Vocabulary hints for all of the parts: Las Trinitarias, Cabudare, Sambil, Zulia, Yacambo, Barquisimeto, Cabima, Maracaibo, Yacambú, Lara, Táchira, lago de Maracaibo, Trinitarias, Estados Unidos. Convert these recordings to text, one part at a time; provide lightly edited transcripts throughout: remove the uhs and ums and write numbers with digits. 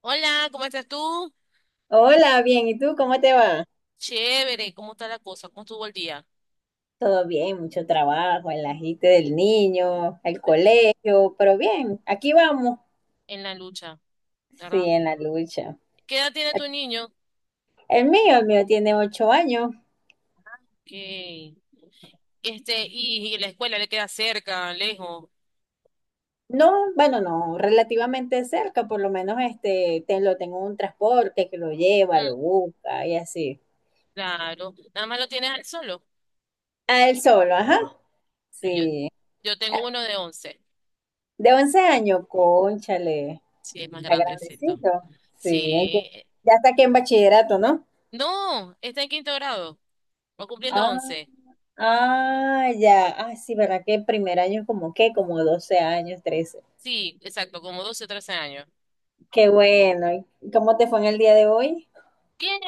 Hola, ¿cómo estás tú? Hola, bien, ¿y tú cómo te va? Chévere, ¿cómo está la cosa? ¿Cómo estuvo el día? Todo bien, mucho trabajo, el agite del niño, el Pero, colegio, pero bien, aquí vamos. en la lucha, Sí, ¿verdad? en la lucha. ¿Qué edad tiene tu niño? El mío tiene 8 años. Que, y la escuela le queda cerca, lejos. No, bueno, no, relativamente cerca, por lo menos lo tengo en un transporte que lo lleva, lo Mm, busca y así. claro, nada más lo tienes al solo. A él solo, ajá. No, Sí. yo tengo uno de 11. De 11 años, cónchale, Sí, es más está grandecito. grandecito. Sí, hay que- Sí, ya está aquí en bachillerato, ¿no? no, está en quinto grado, va cumpliendo 11. Ah, ya. Ah, sí, ¿verdad? Que el primer año es como qué, como 12 años, 13. Sí, exacto, como 12 o 13 años. Qué bueno. ¿Y cómo te fue en el día de hoy? Bien,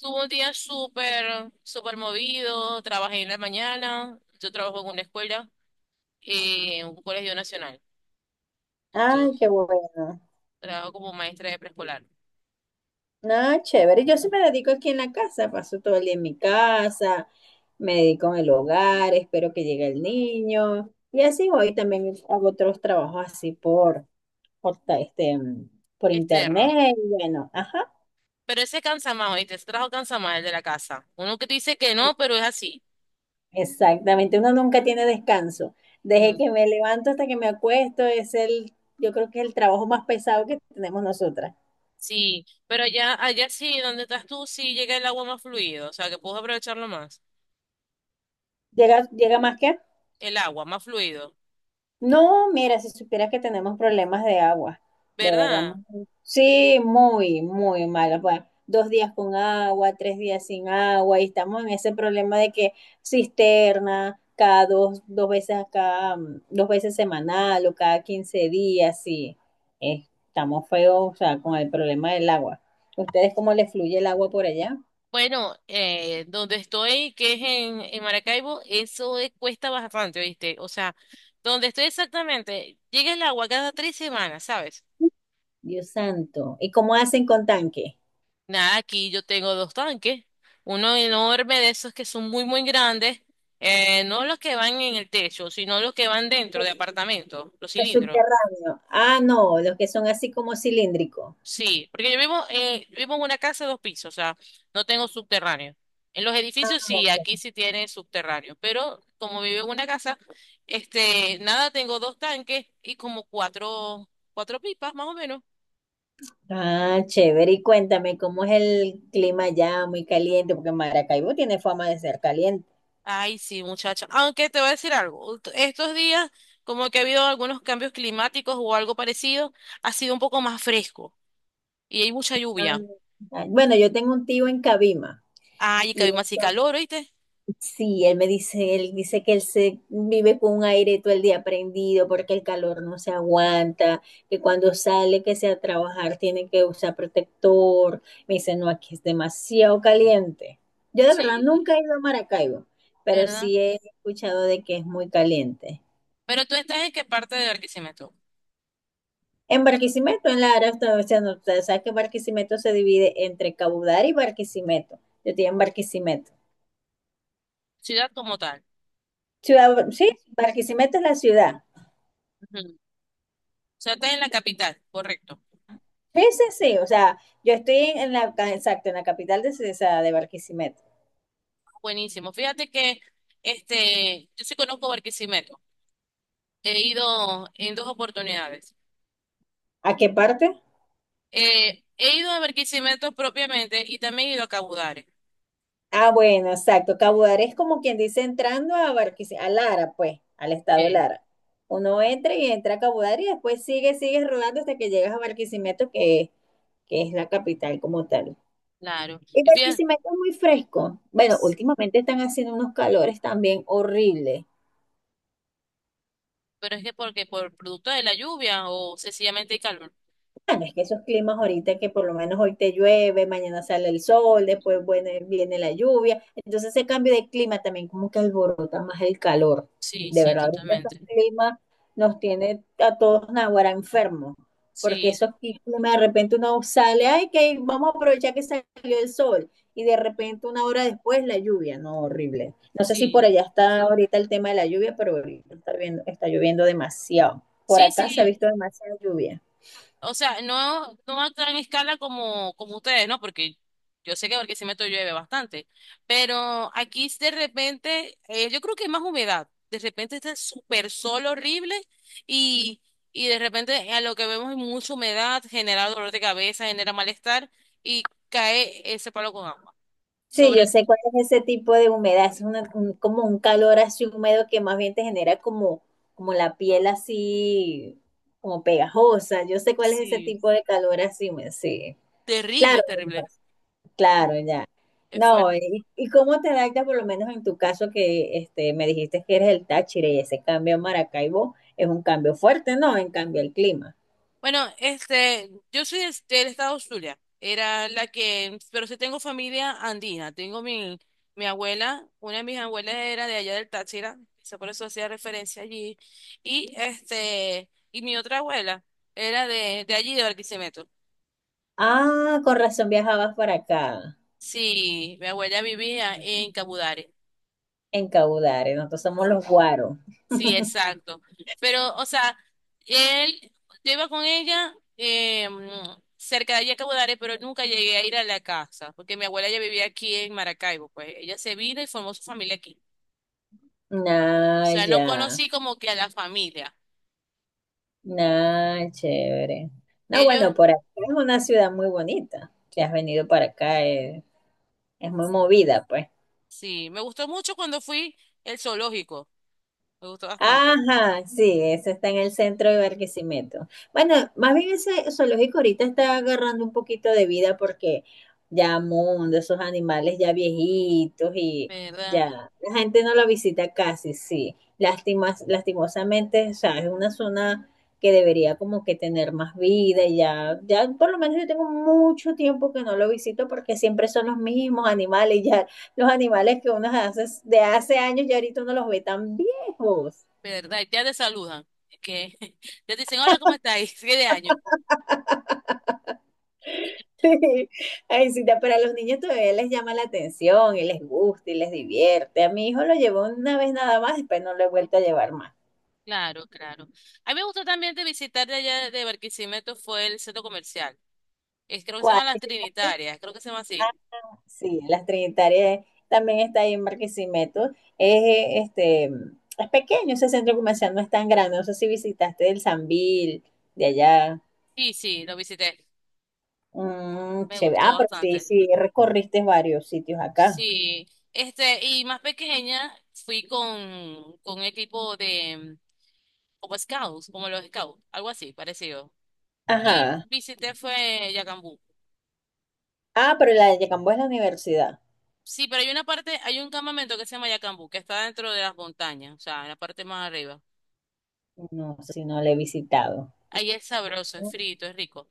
tuvo un día súper movido. Trabajé en la mañana. Yo trabajo en una escuela, en un colegio nacional. Ay, Entonces, qué bueno. trabajo como maestra de preescolar. No, chévere. Yo sí me dedico aquí en la casa, paso todo el día en mi casa, me dedico en el hogar, espero que llegue el niño. Y así voy, también hago otros trabajos así por ta- este, mm, por Externo. internet. Y bueno, ajá. Pero ese cansa más, ¿oíste? Ese trabajo cansa más, el de la casa. Uno que te dice que no, pero es así. Exactamente, uno nunca tiene descanso. Desde Mm, que me levanto hasta que me acuesto es el, yo creo que es el trabajo más pesado que tenemos nosotras. sí, pero allá sí, donde estás tú, sí llega el agua más fluido. O sea, que puedes aprovecharlo más. Llega, llega más que. El agua más fluido, No, mira, si supieras que tenemos problemas de agua, de verdad. ¿verdad? mu- Sí, muy, muy mal. Bueno, 2 días con agua, 3 días sin agua, y estamos en ese problema de que cisterna cada dos, 2 veces, cada 2 veces semanal o cada 15 días, sí. Estamos feos, o sea, con el problema del agua. ¿Ustedes cómo les fluye el agua por allá? Bueno, donde estoy, que es en Maracaibo, eso cuesta bastante, ¿oíste? O sea, donde estoy exactamente, llega el agua cada 3 semanas, ¿sabes? Dios santo. ¿Y cómo hacen con tanque? Nada, aquí yo tengo dos tanques, uno enorme de esos que son muy grandes, no los que van en el techo, sino los que van dentro de Los apartamento, los los cilindros. subterráneos. Ah, no, los que son así como cilíndricos. Sí, porque yo vivo en una casa de dos pisos, o sea, no tengo subterráneo. En los edificios sí, aquí sí tiene subterráneo, pero como vivo en una casa, nada, tengo dos tanques y como cuatro pipas más o menos. Ah, chévere. Y cuéntame, ¿cómo es el clima allá? Muy caliente, porque Maracaibo tiene fama de ser caliente. Ay, sí, muchacha. Aunque te voy a decir algo, estos días como que ha habido algunos cambios climáticos o algo parecido, ha sido un poco más fresco y hay mucha Ah, lluvia. Bueno, yo tengo un tío en Cabima Ay, que y hay él, más y calor, ¿oíste? sí, él me dice, él dice que él se vive con un aire todo el día prendido porque el calor no se aguanta, que cuando sale que sea a trabajar tiene que usar protector. Me dice, no, aquí es demasiado caliente. Yo de verdad Sí, nunca he ido a Maracaibo, pero ¿verdad? sí he escuchado de que es muy caliente. Pero ¿tú estás en qué parte de Barquisimeto? En Barquisimeto, en Lara, área, está- o sea, no, ustedes saben que Barquisimeto se divide entre Cabudare y Barquisimeto. Yo estoy en Barquisimeto. Ciudad como tal. Ciudad, sí, Barquisimeto es la ciudad. Ujú. O sea, está en la capital, correcto. Sí, sí, sí. O sea, yo estoy en la, exacto, en la capital de, esa- de Barquisimeto. Buenísimo. Fíjate que yo sí conozco Barquisimeto. He ido en dos oportunidades. ¿A qué parte? He ido a Barquisimeto propiamente y también he ido a Cabudare. Ah, bueno, exacto. Cabudare es como quien dice entrando a Barquisimeto, a Lara, pues, al estado Eh, Lara. Uno entra y entra a Cabudare y después sigue, sigue rodando hasta que llegas a Barquisimeto, que es la capital como tal. claro. El Y fíjate, Barquisimeto es muy fresco. Bueno, últimamente están haciendo unos calores también horribles. pero es que porque por producto de la lluvia o sencillamente el calor. Bueno, es que esos climas ahorita que por lo menos hoy te llueve, mañana sale el sol, después bueno, viene la lluvia, entonces ese cambio de clima también como que alborota más el calor. Sí, De sí, verdad, ahorita esos totalmente. climas nos tiene a todos naguará enfermos, porque Sí, esos climas de repente uno sale, ay, que vamos a aprovechar que salió el sol, y de ¿mm? repente una hora después la lluvia, no, horrible. No sé si por Sí, allá está ahorita el tema de la lluvia, pero ahorita está lloviendo demasiado. Por sí, acá se ha sí. visto demasiada lluvia. O sea, no, no a gran escala como ustedes, ¿no? Porque yo sé que Barquisimeto llueve bastante, pero aquí de repente, yo creo que es más humedad. De repente está súper sol horrible y, y de repente a lo que vemos es mucha humedad, genera dolor de cabeza, genera malestar y cae ese palo con agua. Sí, yo Sobre, sé cuál es ese tipo de humedad, como un calor así húmedo que más bien te genera como, como la piel así, como pegajosa. Yo sé cuál es ese sí, tipo de calor así húmedo, sí. Claro, lo que terrible, pasa, claro, ya. es No, fuerte. Y cómo te adaptas, por lo menos en tu caso, que me dijiste que eres el Táchira y ese cambio a Maracaibo es un cambio fuerte, ¿no? En cambio el clima. Bueno, yo soy del estado Zulia, era la que, pero sí tengo familia andina, mi abuela, una de mis abuelas era de allá del Táchira, quizá por eso hacía referencia allí, y y mi otra abuela era de allí, de Barquisimeto. Ah, con razón viajabas para acá, Sí, mi abuela vivía en Cabudare. en Caudare, nosotros somos los guaros. Sí, exacto. Pero, o sea, él, yo iba con ella cerca de allí a Cabo Dares, pero nunca llegué a ir a la casa, porque mi abuela ya vivía aquí en Maracaibo, pues ella se vino y formó su familia aquí. O Ah, sea, no ya. conocí como que a la familia. Nah, chévere. No, bueno, Ellos, por acá es una ciudad muy bonita. Si has venido para acá, es muy movida, pues. sí, me gustó mucho cuando fui el zoológico, me gustó bastante, Ajá, sí, ese está en el centro de Barquisimeto. Bueno, más bien ese zoológico ahorita está agarrando un poquito de vida porque ya mundo, esos animales ya viejitos y ¿verdad? ya la gente no lo visita casi, sí. Lástimas, lastimosamente, o sea, es una zona que debería como que tener más vida y ya, ya por lo menos yo tengo mucho tiempo que no lo visito porque siempre son los mismos animales, ya los animales que uno hace de hace años ya ahorita uno los ve tan viejos. ¿Verdad? Y ya te saludan, que ya te dicen, hola, ¿cómo estáis? ¿Qué de año? Sí. Ay, sí, pero a los niños todavía les llama la atención y les gusta y les divierte. A mi hijo lo llevó una vez nada más, después no lo he vuelto a llevar más. Claro, claro. A mí me gustó también de visitar de allá de Barquisimeto fue el centro comercial. Es, creo que se ¿Cuál? llama Las Trinitarias, creo que se llama Ah, así. sí, las Trinitarias también está ahí en Barquisimeto. Es, es pequeño ese centro comercial, no es tan grande. No sé si visitaste el Sambil de allá. Sí, sí, lo visité. Mm, Me chévere. gustó Ah, pero sí, bastante. sí, recorriste varios sitios acá. Sí. Este, y más pequeña fui con un equipo de como scouts, como los scouts, algo así, parecido. Y Ajá. visité fue Yacambú. Ah, pero la de Yacambo es la universidad. Sí, pero hay una parte, hay un campamento que se llama Yacambú, que está dentro de las montañas, o sea, en la parte más arriba. No, si no la he visitado. Ahí es sabroso, es frito, es rico.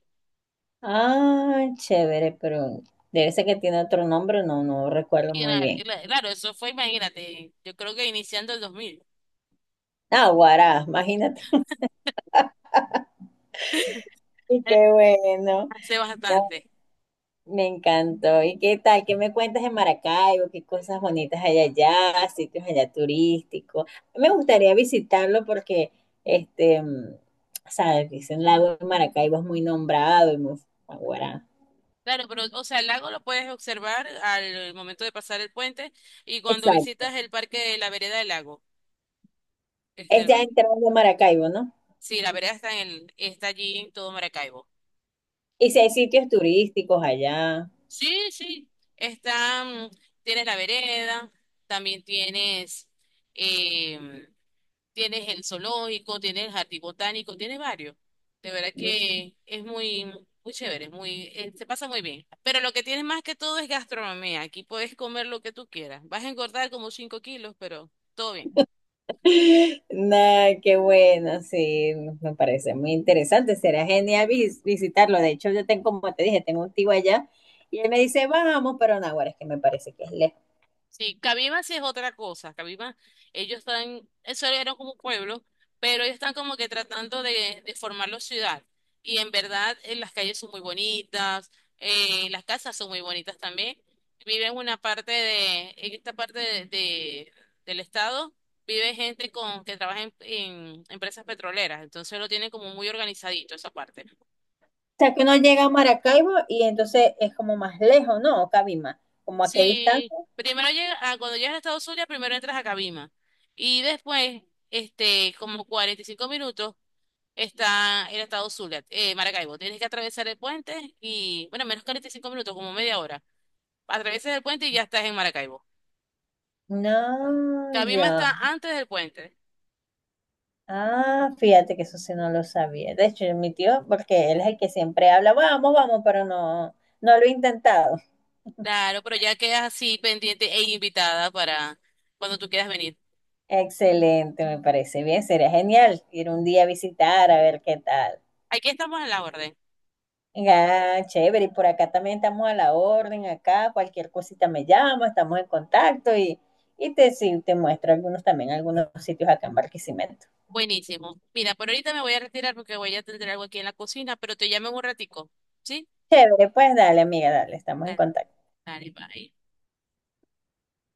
Ah, chévere, pero debe ser que tiene otro nombre, no, no recuerdo Sí, muy claro, bien. Claro, eso fue, imagínate, yo creo que iniciando el 2000. Ah, Guará, imagínate. Y Eh, qué bueno. hace No, bastante. me encantó. ¿Y qué tal? ¿Qué me cuentas de Maracaibo? ¿Qué cosas bonitas hay allá? ¿Sitios allá turísticos? Me gustaría visitarlo porque, este, mm, sabes, dicen lago de Maracaibo es muy nombrado y muy ah, Guará. Claro, pero, o sea, el lago lo puedes observar al momento de pasar el puente y cuando Exacto. visitas el parque de la vereda del lago. Este, Es el ya parque- entrando a Maracaibo, ¿no? sí, la vereda está en el, está allí en todo Maracaibo. Y si hay sitios turísticos allá. Sí, sí, está, tienes la vereda, también tienes em, tienes el zoológico, tienes el jardín botánico, tienes varios. De verdad que es muy, muy chévere, es muy, se pasa muy bien. Pero lo que tienes más que todo es gastronomía. Aquí puedes comer lo que tú quieras. Vas a engordar como 5 kilos, pero todo bien. Nah, qué bueno, sí, me parece muy interesante, será genial visitarlo. De hecho, yo tengo, como te dije, tengo un tío allá y él me dice, vamos, pero Naguará es que me parece que es lejos. Sí, Cabima sí es otra cosa. Cabima, ellos están, eso era como pueblo, pero ellos están como que tratando de formarlo ciudad. Y en verdad, las calles son muy bonitas, las casas son muy bonitas también. Viven una parte de, en esta parte del estado, vive gente con que trabaja en empresas petroleras, entonces lo tienen como muy organizadito esa parte. O sea, que uno llega a Maracaibo y entonces es como más lejos, ¿no? O Cabima, ¿como a qué Sí, distancia? primero llega, ah, cuando llegas a Estados Unidos, primero entras a Cabima. Y después, como 45 minutos, está en Estados Zulia, Maracaibo. Tienes que atravesar el puente y, bueno, menos 45 minutos, como media hora. Atravesas el puente y ya estás en Maracaibo. No, Cabima está ya. antes del puente. Ah, fíjate que eso sí no lo sabía. De hecho, mi tío, porque él es el que siempre habla, vamos, vamos, pero no, no lo he intentado. Claro, pero ya quedas así pendiente e invitada para cuando tú quieras venir. Excelente, me parece bien. Sería genial ir un día a visitar a ver qué tal. Aquí estamos en la orden. Ah, chévere. Y por acá también estamos a la orden, acá cualquier cosita me llama, estamos en contacto y te, sí, te muestro algunos también, algunos sitios acá en Barquisimeto. Buenísimo. Mira, por ahorita me voy a retirar porque voy a tener algo aquí en la cocina, pero te llamo en un ratico. ¿Sí? Chévere, pues dale, amiga, dale, estamos en Dale. contacto. Dale, bye.